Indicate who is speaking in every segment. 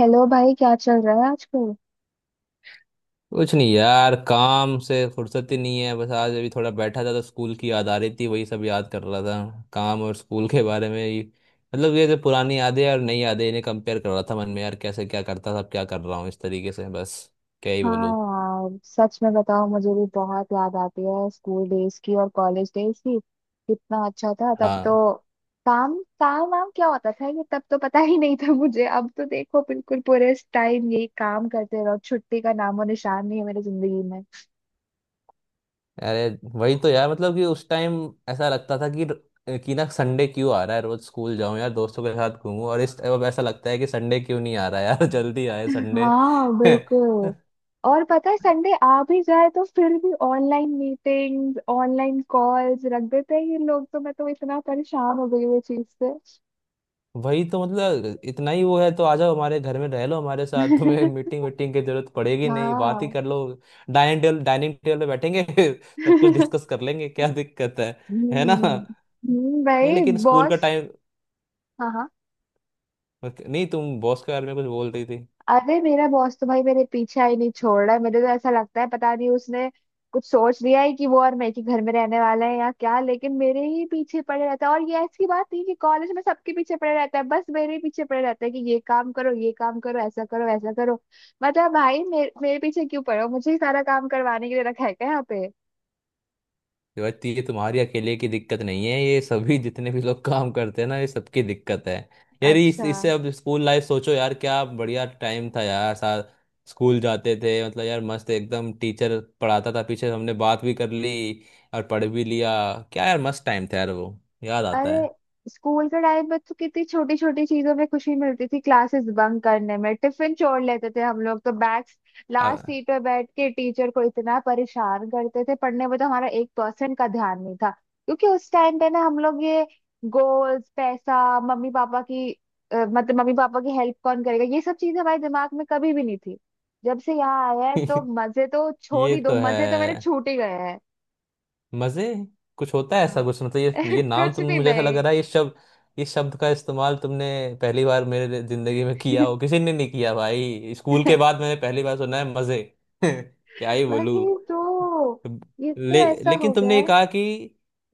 Speaker 1: Hello भाई, क्या चल रहा है आजकल?
Speaker 2: कुछ नहीं यार, काम से फुर्सत ही नहीं है। बस आज अभी थोड़ा बैठा था तो स्कूल की याद आ रही थी, वही सब याद कर रहा था। काम और स्कूल के बारे में ही। मतलब ये जो पुरानी यादें और नई यादें इन्हें कंपेयर कर रहा था मन में, यार कैसे क्या करता था अब क्या कर रहा हूँ इस तरीके से बस। क्या ही
Speaker 1: हाँ
Speaker 2: बोलूँ।
Speaker 1: यार, सच में बताओ, मुझे भी बहुत याद आती है स्कूल डेज की और कॉलेज डेज की। कितना अच्छा था तब
Speaker 2: हाँ।
Speaker 1: तो। काम काम वाम क्या होता था ये, तब तो पता ही नहीं था मुझे। अब तो देखो, बिल्कुल पूरे टाइम यही काम करते रहो, छुट्टी का नामो निशान नहीं है मेरी जिंदगी में।
Speaker 2: अरे वही तो यार, मतलब कि उस टाइम ऐसा लगता था कि ना संडे क्यों आ रहा है, रोज स्कूल जाऊं यार दोस्तों के साथ घूमूं। और इस अब ऐसा लगता है कि संडे क्यों नहीं आ रहा यार जल्दी आए संडे।
Speaker 1: हाँ, बिल्कुल। और पता है, संडे आ भी जाए तो फिर भी ऑनलाइन मीटिंग्स, ऑनलाइन कॉल्स रख देते हैं ये लोग। तो मैं तो इतना परेशान हो गई हूँ इस चीज से।
Speaker 2: वही तो, मतलब इतना ही वो है तो आ जाओ हमारे घर में रह लो हमारे साथ तुम्हें मीटिंग वीटिंग की जरूरत पड़ेगी नहीं, बात ही
Speaker 1: हाँ।
Speaker 2: कर लो। डाइनिंग टेबल पे बैठेंगे सब कुछ
Speaker 1: हम्म।
Speaker 2: डिस्कस कर लेंगे, क्या दिक्कत है। है ना। या
Speaker 1: भाई
Speaker 2: लेकिन स्कूल का
Speaker 1: बॉस।
Speaker 2: टाइम।
Speaker 1: हाँ, हाँ।
Speaker 2: नहीं, तुम बॉस के बारे में कुछ बोल रही थी।
Speaker 1: अरे, मेरा बॉस तो भाई मेरे पीछे ही नहीं छोड़ रहा है। मुझे तो ऐसा लगता है पता नहीं उसने कुछ सोच लिया है कि वो और मैं एक ही घर में रहने वाला है या क्या। लेकिन मेरे ही पीछे पड़े रहता है, और ये ऐसी बात नहीं कि कॉलेज में सबके पीछे पड़े रहता है, बस मेरे ही पीछे पड़े रहता है कि ये काम करो, ये काम करो, ऐसा करो, वैसा करो। मतलब भाई, मेरे मेरे पीछे क्यों पड़े हो, मुझे ही सारा काम करवाने के लिए रखा है क्या यहाँ पे?
Speaker 2: शिवाजी, ये तुम्हारी अकेले की दिक्कत नहीं है, ये सभी जितने भी लोग काम करते हैं ना, ये सबकी दिक्कत है। यार इस
Speaker 1: अच्छा।
Speaker 2: इससे अब स्कूल लाइफ सोचो यार, क्या बढ़िया टाइम था यार। साथ स्कूल जाते थे, मतलब यार मस्त एकदम। टीचर पढ़ाता था, पीछे हमने बात भी कर ली और पढ़ भी लिया। क्या यार मस्त टाइम था यार वो। याद
Speaker 1: अरे,
Speaker 2: आता है।
Speaker 1: स्कूल के टाइम में तो कितनी छोटी छोटी चीजों में खुशी मिलती थी। क्लासेस बंक करने में, टिफिन छोड़ लेते थे हम लोग तो, बैक्स लास्ट
Speaker 2: आ-
Speaker 1: सीट पे बैठ के टीचर को इतना परेशान करते थे। पढ़ने में तो हमारा 1% का ध्यान नहीं था। क्योंकि उस टाइम पे ना हम लोग ये गोल्स, पैसा, मम्मी पापा की मतलब मम्मी पापा की हेल्प कौन करेगा, ये सब चीजें हमारे दिमाग में कभी भी नहीं थी। जब से यहाँ आया है तो मजे तो छोड़
Speaker 2: ये
Speaker 1: ही दो,
Speaker 2: तो
Speaker 1: मजे तो मेरे
Speaker 2: है।
Speaker 1: छूट ही गए हैं।
Speaker 2: मजे कुछ होता है ऐसा
Speaker 1: हाँ।
Speaker 2: कुछ? मतलब ये नाम
Speaker 1: कुछ
Speaker 2: तुमने,
Speaker 1: भी
Speaker 2: मुझे ऐसा लग
Speaker 1: नहीं।
Speaker 2: रहा है ये शब्द, ये शब्द का इस्तेमाल तुमने पहली बार मेरे जिंदगी में किया हो, किसी ने नहीं किया भाई। स्कूल के बाद मैंने पहली बार सुना है मजे। क्या ही बोलूं।
Speaker 1: वही तो। ये तो
Speaker 2: ले,
Speaker 1: ऐसा
Speaker 2: लेकिन
Speaker 1: हो गया
Speaker 2: तुमने ये
Speaker 1: है।
Speaker 2: कहा कि,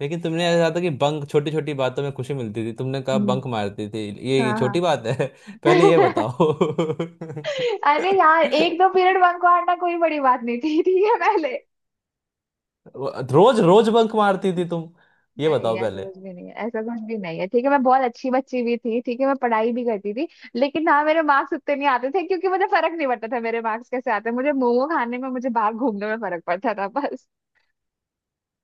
Speaker 2: लेकिन तुमने ऐसा था कि बंक, छोटी छोटी बातों में खुशी मिलती थी तुमने कहा,
Speaker 1: हम्म।
Speaker 2: बंक मारती थी, ये
Speaker 1: हाँ,
Speaker 2: छोटी
Speaker 1: हाँ।
Speaker 2: बात है पहले ये बताओ
Speaker 1: अरे यार, एक दो पीरियड बंक मारना कोई बड़ी बात नहीं थी, ठीक है पहले।
Speaker 2: रोज रोज बंक मारती थी तुम? ये
Speaker 1: नहीं,
Speaker 2: बताओ
Speaker 1: ऐसा
Speaker 2: पहले।
Speaker 1: कुछ भी नहीं है, ऐसा कुछ भी नहीं है, ठीक है। मैं बहुत अच्छी बच्ची भी थी, ठीक है, मैं पढ़ाई भी करती थी। लेकिन हाँ, मेरे मार्क्स उतने नहीं आते थे क्योंकि मुझे फर्क नहीं पड़ता था मेरे मार्क्स कैसे आते हैं। मुझे मोमो खाने में, मुझे बाहर घूमने में फर्क पड़ता था बस।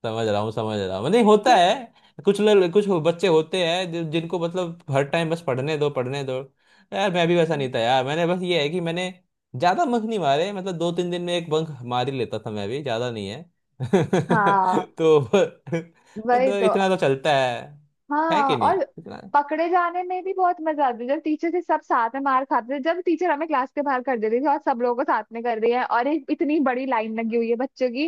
Speaker 2: समझ रहा हूँ समझ रहा हूँ, नहीं होता है। कुछ लोग, बच्चे होते हैं जिनको मतलब हर टाइम बस पढ़ने दो पढ़ने दो। यार मैं भी वैसा नहीं था यार, मैंने बस ये है कि मैंने ज्यादा बंक नहीं मारे। मतलब दो तीन दिन में एक बंक मार ही लेता था मैं, भी ज्यादा नहीं है
Speaker 1: हाँ।
Speaker 2: तो, तो,
Speaker 1: वही
Speaker 2: तो
Speaker 1: तो।
Speaker 2: इतना तो चलता है। है
Speaker 1: हाँ,
Speaker 2: कि नहीं
Speaker 1: और
Speaker 2: इतना।
Speaker 1: पकड़े जाने में भी बहुत मजा आती है, जब टीचर से सब साथ में मार खाते थे, जब टीचर हमें क्लास के बाहर कर देती थी और सब लोगों को साथ में कर रही है, और एक इतनी बड़ी लाइन लगी हुई है बच्चों की।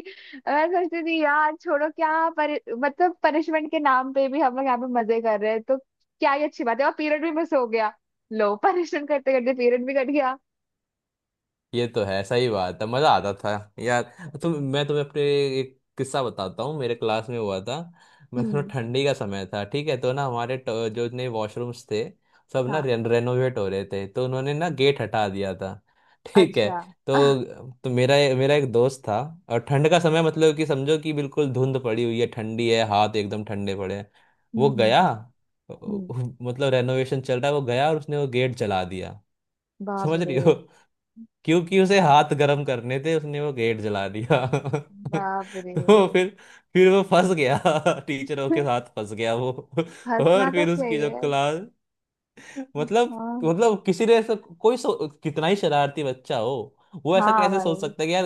Speaker 1: मैं सोचती थी यार, छोड़ो, क्या परि मतलब पनिशमेंट के नाम पे भी हम लोग यहाँ पे मजे कर रहे हैं, तो क्या ही अच्छी बात है, और पीरियड भी मिस हो गया। लो, पनिशमेंट करते करते पीरियड भी कट गया।
Speaker 2: ये तो है सही बात है, मजा आता था यार। तुम मैं तुम्हें अपने एक किस्सा बताता हूँ, मेरे क्लास में हुआ था। मैं थोड़ा,
Speaker 1: हम्म।
Speaker 2: ठंडी का समय था ठीक है, तो ना हमारे जो नए वॉशरूम्स थे सब ना
Speaker 1: हाँ।
Speaker 2: रेनोवेट हो रहे थे तो उन्होंने ना गेट हटा दिया था ठीक है,
Speaker 1: अच्छा। आह,
Speaker 2: तो मेरा मेरा एक दोस्त था। और ठंड का समय, मतलब कि समझो कि बिल्कुल धुंध पड़ी हुई है, ठंडी है, हाथ एकदम ठंडे पड़े हैं।
Speaker 1: हम्म,
Speaker 2: वो
Speaker 1: हम्म,
Speaker 2: गया,
Speaker 1: हम्म, हम्म,
Speaker 2: मतलब रेनोवेशन चल रहा है, वो गया और उसने वो गेट जला दिया।
Speaker 1: बाप
Speaker 2: समझ रही
Speaker 1: रे,
Speaker 2: हो? क्योंकि उसे हाथ गर्म करने थे, उसने वो गेट जला दिया
Speaker 1: बाप रे।
Speaker 2: तो फिर वो फंस गया टीचरों के साथ फंस गया वो
Speaker 1: हंसना
Speaker 2: और
Speaker 1: तो
Speaker 2: फिर उसकी जो
Speaker 1: चाहिए।
Speaker 2: क्लास, मतलब
Speaker 1: हाँ,
Speaker 2: मतलब किसी ने ऐसा कोई कितना ही शरारती बच्चा हो, वो ऐसा
Speaker 1: हाँ
Speaker 2: कैसे सोच
Speaker 1: भाई।
Speaker 2: सकता है कि यार।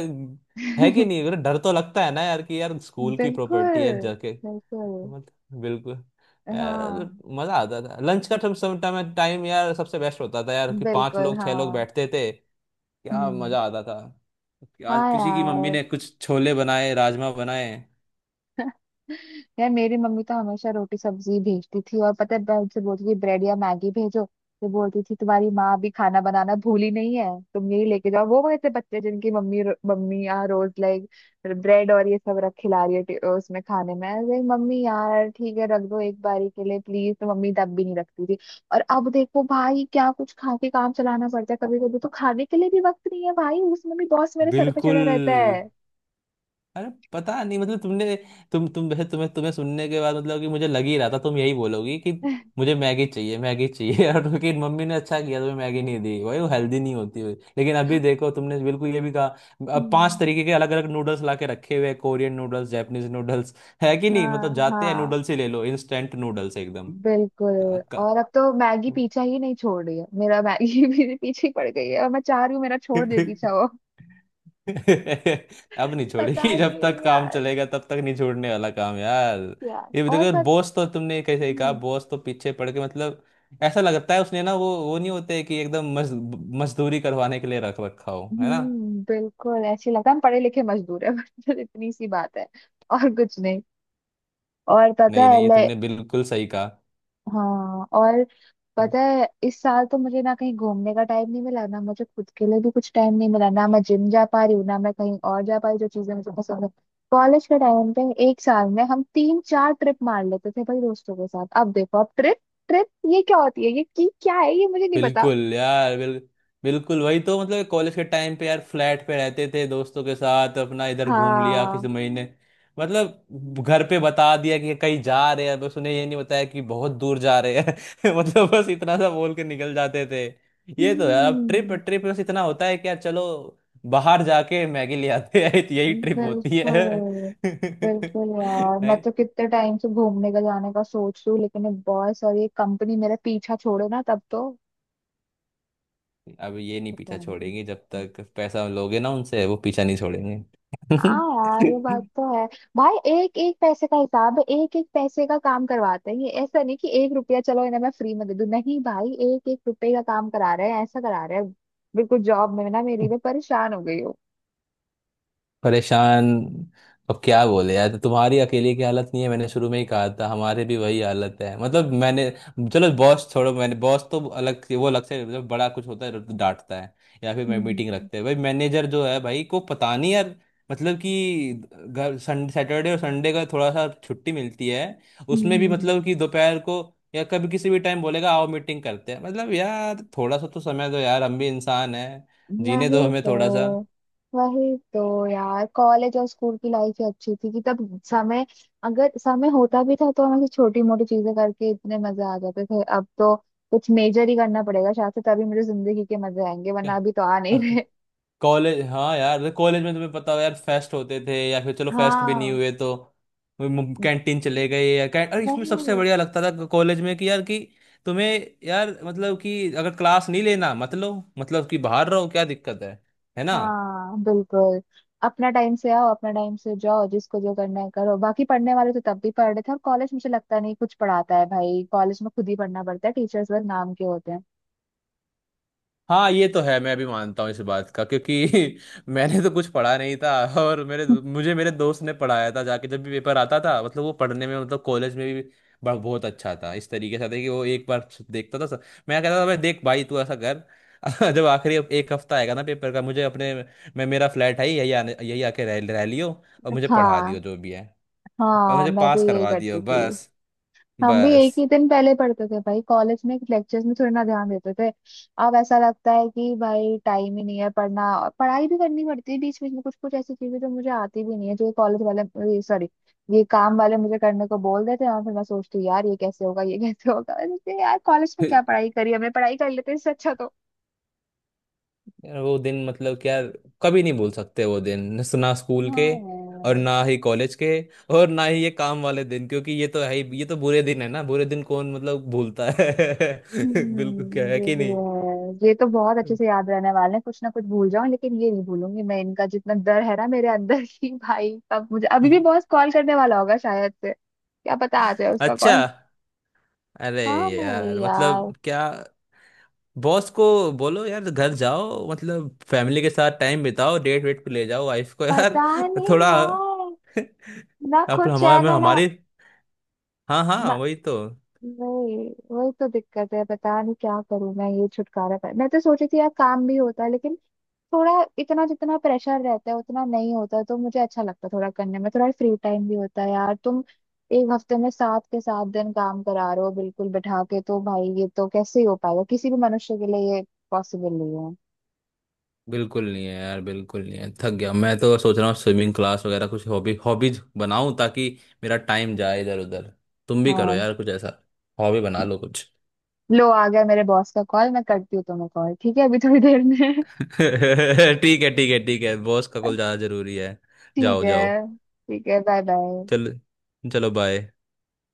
Speaker 2: है कि नहीं, मतलब डर तो लगता है ना यार, कि यार स्कूल की प्रॉपर्टी है,
Speaker 1: बिल्कुल,
Speaker 2: जाके
Speaker 1: बिल्कुल।
Speaker 2: मत। बिल्कुल। यार
Speaker 1: हाँ,
Speaker 2: मजा आता था लंच का, टाइम टाइम यार सबसे बेस्ट होता था यार कि पांच
Speaker 1: बिल्कुल।
Speaker 2: लोग छह लोग
Speaker 1: हाँ।
Speaker 2: बैठते थे, क्या
Speaker 1: हम्म।
Speaker 2: मजा आता था, क्या
Speaker 1: हाँ
Speaker 2: किसी की मम्मी
Speaker 1: यार,
Speaker 2: ने कुछ छोले बनाए, राजमा बनाए।
Speaker 1: यार मेरी मम्मी तो हमेशा रोटी सब्जी भेजती थी। और पता है, मैं उनसे बोलती थी ब्रेड या मैगी भेजो। तो बोलती थी, तुम्हारी माँ अभी खाना बनाना भूली नहीं है, तुम यही लेके जाओ। वो वैसे बच्चे जिनकी मम्मी, मम्मी यहाँ रोज लाइक ब्रेड और ये सब रख खिला रही है उसमें खाने में, अरे मम्मी यार ठीक है रख दो एक बारी के लिए प्लीज, तो मम्मी तब भी नहीं रखती थी। और अब देखो भाई, क्या कुछ खा के काम चलाना पड़ता है। कभी कभी तो खाने के लिए भी वक्त नहीं है भाई, उसमें भी बॉस मेरे सर पे
Speaker 2: बिल्कुल।
Speaker 1: चढ़ा रहता है।
Speaker 2: अरे पता नहीं मतलब तुमने, तुम वैसे तुम्हें तुम्हें सुनने के बाद मतलब कि मुझे लग ही रहा था तुम यही बोलोगी कि मुझे मैगी चाहिए, मैगी चाहिए और क्योंकि मम्मी ने अच्छा किया तुम्हें मैगी नहीं दी भाई, वो हेल्दी नहीं होती हुई। लेकिन अभी देखो, तुमने बिल्कुल ये भी कहा, अब पांच
Speaker 1: हम्म।
Speaker 2: तरीके के अलग अलग नूडल्स ला के रखे हुए हैं, कोरियन नूडल्स, जापानीज नूडल्स। है कि नहीं, मतलब
Speaker 1: हाँ,
Speaker 2: जाते हैं
Speaker 1: हाँ,
Speaker 2: नूडल्स ही ले लो, इंस्टेंट नूडल्स एकदम।
Speaker 1: बिल्कुल। और अब तो मैगी पीछा ही नहीं छोड़ रही है मेरा। मैगी भी पीछे ही पड़ गई है, और मैं चाह रही हूँ मेरा छोड़
Speaker 2: अब
Speaker 1: दे पीछा वो।
Speaker 2: नहीं
Speaker 1: पता
Speaker 2: छोड़ेगी, जब तक
Speaker 1: नहीं
Speaker 2: काम
Speaker 1: यार।
Speaker 2: चलेगा तब तक नहीं छोड़ने वाला काम यार।
Speaker 1: यार,
Speaker 2: ये भी
Speaker 1: और
Speaker 2: देखो,
Speaker 1: पत
Speaker 2: बॉस तो तुमने कैसे ही कहा,
Speaker 1: हम्म,
Speaker 2: बॉस तो पीछे पड़ के मतलब, ऐसा लगता है उसने ना, वो नहीं होते कि एकदम मजदूरी करवाने के लिए रख रखा हो, है ना।
Speaker 1: बिल्कुल ऐसे लगता है हम पढ़े लिखे मजदूर है। बस इतनी सी बात है, और कुछ नहीं। और पता
Speaker 2: नहीं
Speaker 1: है।
Speaker 2: नहीं, ये तुमने बिल्कुल सही कहा।
Speaker 1: हाँ, और पता है, इस साल तो मुझे ना कहीं घूमने का टाइम नहीं मिला, ना मुझे खुद के लिए भी कुछ टाइम नहीं मिला, ना मैं जिम जा पा रही हूँ, ना मैं कहीं और जा पा रही हूँ, जो चीजें मुझे पसंद है। कॉलेज के टाइम पे एक साल में हम तीन चार ट्रिप मार लेते थे भाई, दोस्तों के साथ। अब देखो, अब ट्रिप, ट्रिप, ये क्या होती है, ये की क्या है, ये मुझे नहीं पता।
Speaker 2: बिल्कुल यार, बिल्कुल वही तो, मतलब कॉलेज के टाइम पे यार फ्लैट पे रहते थे दोस्तों के साथ, अपना इधर घूम लिया किसी
Speaker 1: हाँ।
Speaker 2: महीने, मतलब घर पे बता दिया कि कहीं जा रहे हैं, बस उन्हें ये नहीं बताया कि बहुत दूर जा रहे हैं मतलब बस इतना सा बोल के निकल जाते थे। ये तो यार, अब ट्रिप,
Speaker 1: हम्म।
Speaker 2: ट्रिप बस इतना होता है कि यार चलो बाहर जाके मैगी ले आते हैं यही ट्रिप होती है
Speaker 1: बिल्कुल, बिल्कुल यार, मैं
Speaker 2: नहीं,
Speaker 1: तो कितने टाइम से घूमने का, जाने का सोच रही हूँ, लेकिन ये बॉस और ये कंपनी मेरा पीछा छोड़े ना तब तो।
Speaker 2: अब ये नहीं पीछा
Speaker 1: पता नहीं।
Speaker 2: छोड़ेंगे, जब तक पैसा लोगे ना उनसे, वो पीछा नहीं छोड़ेंगे।
Speaker 1: हाँ यार, ये बात तो है। भाई, एक एक पैसे का हिसाब है, एक एक पैसे का काम करवाते हैं ये, ऐसा नहीं कि 1 रुपया चलो इन्हें मैं फ्री में दे दूं। नहीं भाई, एक एक रुपये का काम करा रहे हैं, ऐसा करा रहे हैं। बिल्कुल, जॉब में ना मेरी, मैं परेशान हो गई हूँ।
Speaker 2: परेशान। अब क्या बोले यार, तो तुम्हारी अकेले की हालत नहीं है, मैंने शुरू में ही कहा था हमारे भी वही हालत है। मतलब मैंने, चलो बॉस छोड़ो, मैंने बॉस तो वो अलग से, मतलब बड़ा कुछ होता है तो डांटता है, या फिर मैं,
Speaker 1: हम्म,
Speaker 2: मीटिंग रखते हैं भाई मैनेजर जो है भाई को, पता नहीं यार। मतलब कि घर, संडे सैटरडे और संडे का थोड़ा सा छुट्टी मिलती है,
Speaker 1: हम्म,
Speaker 2: उसमें भी मतलब कि दोपहर को या कभी किसी भी टाइम बोलेगा आओ मीटिंग करते हैं। मतलब यार थोड़ा सा तो समय दो यार, हम भी इंसान हैं, जीने
Speaker 1: वही
Speaker 2: दो हमें
Speaker 1: तो।
Speaker 2: थोड़ा सा।
Speaker 1: वही तो यार, कॉलेज और स्कूल की लाइफ ही अच्छी थी, कि तब समय अगर समय होता भी था तो हम ऐसी छोटी मोटी चीजें करके इतने मजे आ जाते थे। अब तो कुछ मेजर ही करना पड़ेगा शायद से, तभी मुझे जिंदगी के मजे आएंगे, वरना अभी तो आ नहीं
Speaker 2: क्या
Speaker 1: रहे।
Speaker 2: कॉलेज, हाँ यार मतलब कॉलेज में तुम्हें पता हो यार, फेस्ट होते थे, या फिर चलो फेस्ट भी नहीं
Speaker 1: हाँ,
Speaker 2: हुए तो कैंटीन चले गए, या कै... और इसमें सबसे
Speaker 1: वही।
Speaker 2: बढ़िया लगता था कॉलेज में कि यार कि तुम्हें, यार मतलब कि अगर क्लास नहीं लेना मतलब कि बाहर रहो, क्या दिक्कत है। है ना।
Speaker 1: हाँ, बिल्कुल। अपना टाइम से आओ, अपना टाइम से जाओ, जिसको जो करना है करो। बाकी पढ़ने वाले तो तब भी पढ़ रहे थे, और कॉलेज मुझे लगता नहीं कुछ पढ़ाता है भाई, कॉलेज में खुद ही पढ़ना पड़ता है, टीचर्स वर्ग नाम के होते हैं।
Speaker 2: हाँ ये तो है, मैं भी मानता हूँ इस बात का क्योंकि मैंने तो कुछ पढ़ा नहीं था और मेरे मुझे मेरे दोस्त ने पढ़ाया था जाके, जब भी पेपर आता था मतलब, वो पढ़ने में मतलब कॉलेज में भी बहुत अच्छा था। इस तरीके से था कि वो एक बार देखता था सब, मैं कहता था, भाई देख भाई तू ऐसा कर जब आखिरी एक हफ्ता आएगा ना पेपर का, मुझे अपने, मैं मेरा फ्लैट है ही, यही आने, यही आके रह रह लियो, और मुझे पढ़ा
Speaker 1: हाँ,
Speaker 2: दियो जो भी है, और
Speaker 1: हाँ,
Speaker 2: मुझे
Speaker 1: मैं भी
Speaker 2: पास
Speaker 1: यही
Speaker 2: करवा
Speaker 1: करती
Speaker 2: दियो
Speaker 1: थी।
Speaker 2: बस,
Speaker 1: हम भी
Speaker 2: बस
Speaker 1: एक ही दिन पहले पढ़ते थे भाई, कॉलेज में लेक्चर्स में थोड़ी ना ध्यान देते थे। अब ऐसा लगता है कि भाई टाइम ही नहीं है पढ़ना, और पढ़ाई भी करनी पड़ती है बीच बीच में, कुछ कुछ ऐसी चीजें जो मुझे आती भी नहीं है, जो कॉलेज वाले, सॉरी, ये काम वाले मुझे करने को बोल देते हैं। और फिर मैं सोचती हूँ, यार ये कैसे होगा, ये कैसे होगा। मैंने कहा, यार कॉलेज में क्या पढ़ाई करी हमने, पढ़ाई कर लेते इससे अच्छा तो।
Speaker 2: यार वो दिन मतलब क्या, कभी नहीं भूल सकते वो दिन ना स्कूल के और
Speaker 1: हाँ,
Speaker 2: ना ही कॉलेज के और ना ही ये काम वाले दिन। क्योंकि ये तो है ही, ये तो बुरे दिन है ना, बुरे दिन कौन मतलब भूलता है बिल्कुल, क्या
Speaker 1: हम्म,
Speaker 2: है
Speaker 1: ये
Speaker 2: कि
Speaker 1: भी
Speaker 2: नहीं।
Speaker 1: है। ये तो बहुत अच्छे से याद रहने वाले हैं, कुछ ना कुछ भूल जाऊं लेकिन ये नहीं भूलूंगी मैं, इनका जितना डर है ना मेरे अंदर। की भाई अब मुझे अभी भी
Speaker 2: ये-,
Speaker 1: बॉस कॉल करने वाला होगा शायद से, क्या पता आ जाए उसका
Speaker 2: अच्छा,
Speaker 1: कॉल।
Speaker 2: अरे
Speaker 1: हाँ भाई
Speaker 2: यार
Speaker 1: यार।
Speaker 2: मतलब क्या, बॉस को बोलो यार घर जाओ, मतलब फैमिली के साथ टाइम बिताओ, डेट वेट पे ले जाओ वाइफ को यार,
Speaker 1: पता नहीं
Speaker 2: थोड़ा
Speaker 1: यार, ना
Speaker 2: अब
Speaker 1: खुद
Speaker 2: हमारे
Speaker 1: चैन है ना।
Speaker 2: हमारी, हाँ
Speaker 1: ना।
Speaker 2: हाँ वही तो।
Speaker 1: वही, वही तो दिक्कत है, पता नहीं क्या करूं मैं ये छुटकारा पाया। मैं तो सोची थी यार, काम भी होता है लेकिन थोड़ा, इतना जितना प्रेशर रहता है उतना नहीं होता तो मुझे अच्छा लगता है, थोड़ा करने में थोड़ा फ्री टाइम भी होता है यार। तुम एक हफ्ते में सात के सात दिन काम करा रहे हो बिल्कुल बैठा के, तो भाई ये तो कैसे ही हो पाएगा, किसी भी मनुष्य के लिए ये पॉसिबल नहीं है।
Speaker 2: बिल्कुल नहीं है यार, बिल्कुल नहीं है, थक गया। मैं तो सोच रहा हूँ स्विमिंग क्लास वगैरह कुछ हॉबी, हॉबीज बनाऊं, ताकि मेरा टाइम जाए इधर उधर। तुम भी करो
Speaker 1: हाँ,
Speaker 2: यार कुछ ऐसा, हॉबी बना लो कुछ।
Speaker 1: लो आ गया मेरे बॉस का कॉल। मैं करती हूँ तुम्हें कॉल, ठीक है, अभी थोड़ी देर में।
Speaker 2: ठीक है ठीक है ठीक है, बॉस का कॉल ज़्यादा ज़रूरी है।
Speaker 1: ठीक
Speaker 2: जाओ जाओ।
Speaker 1: है, ठीक है, बाय बाय।
Speaker 2: चल, चलो बाय।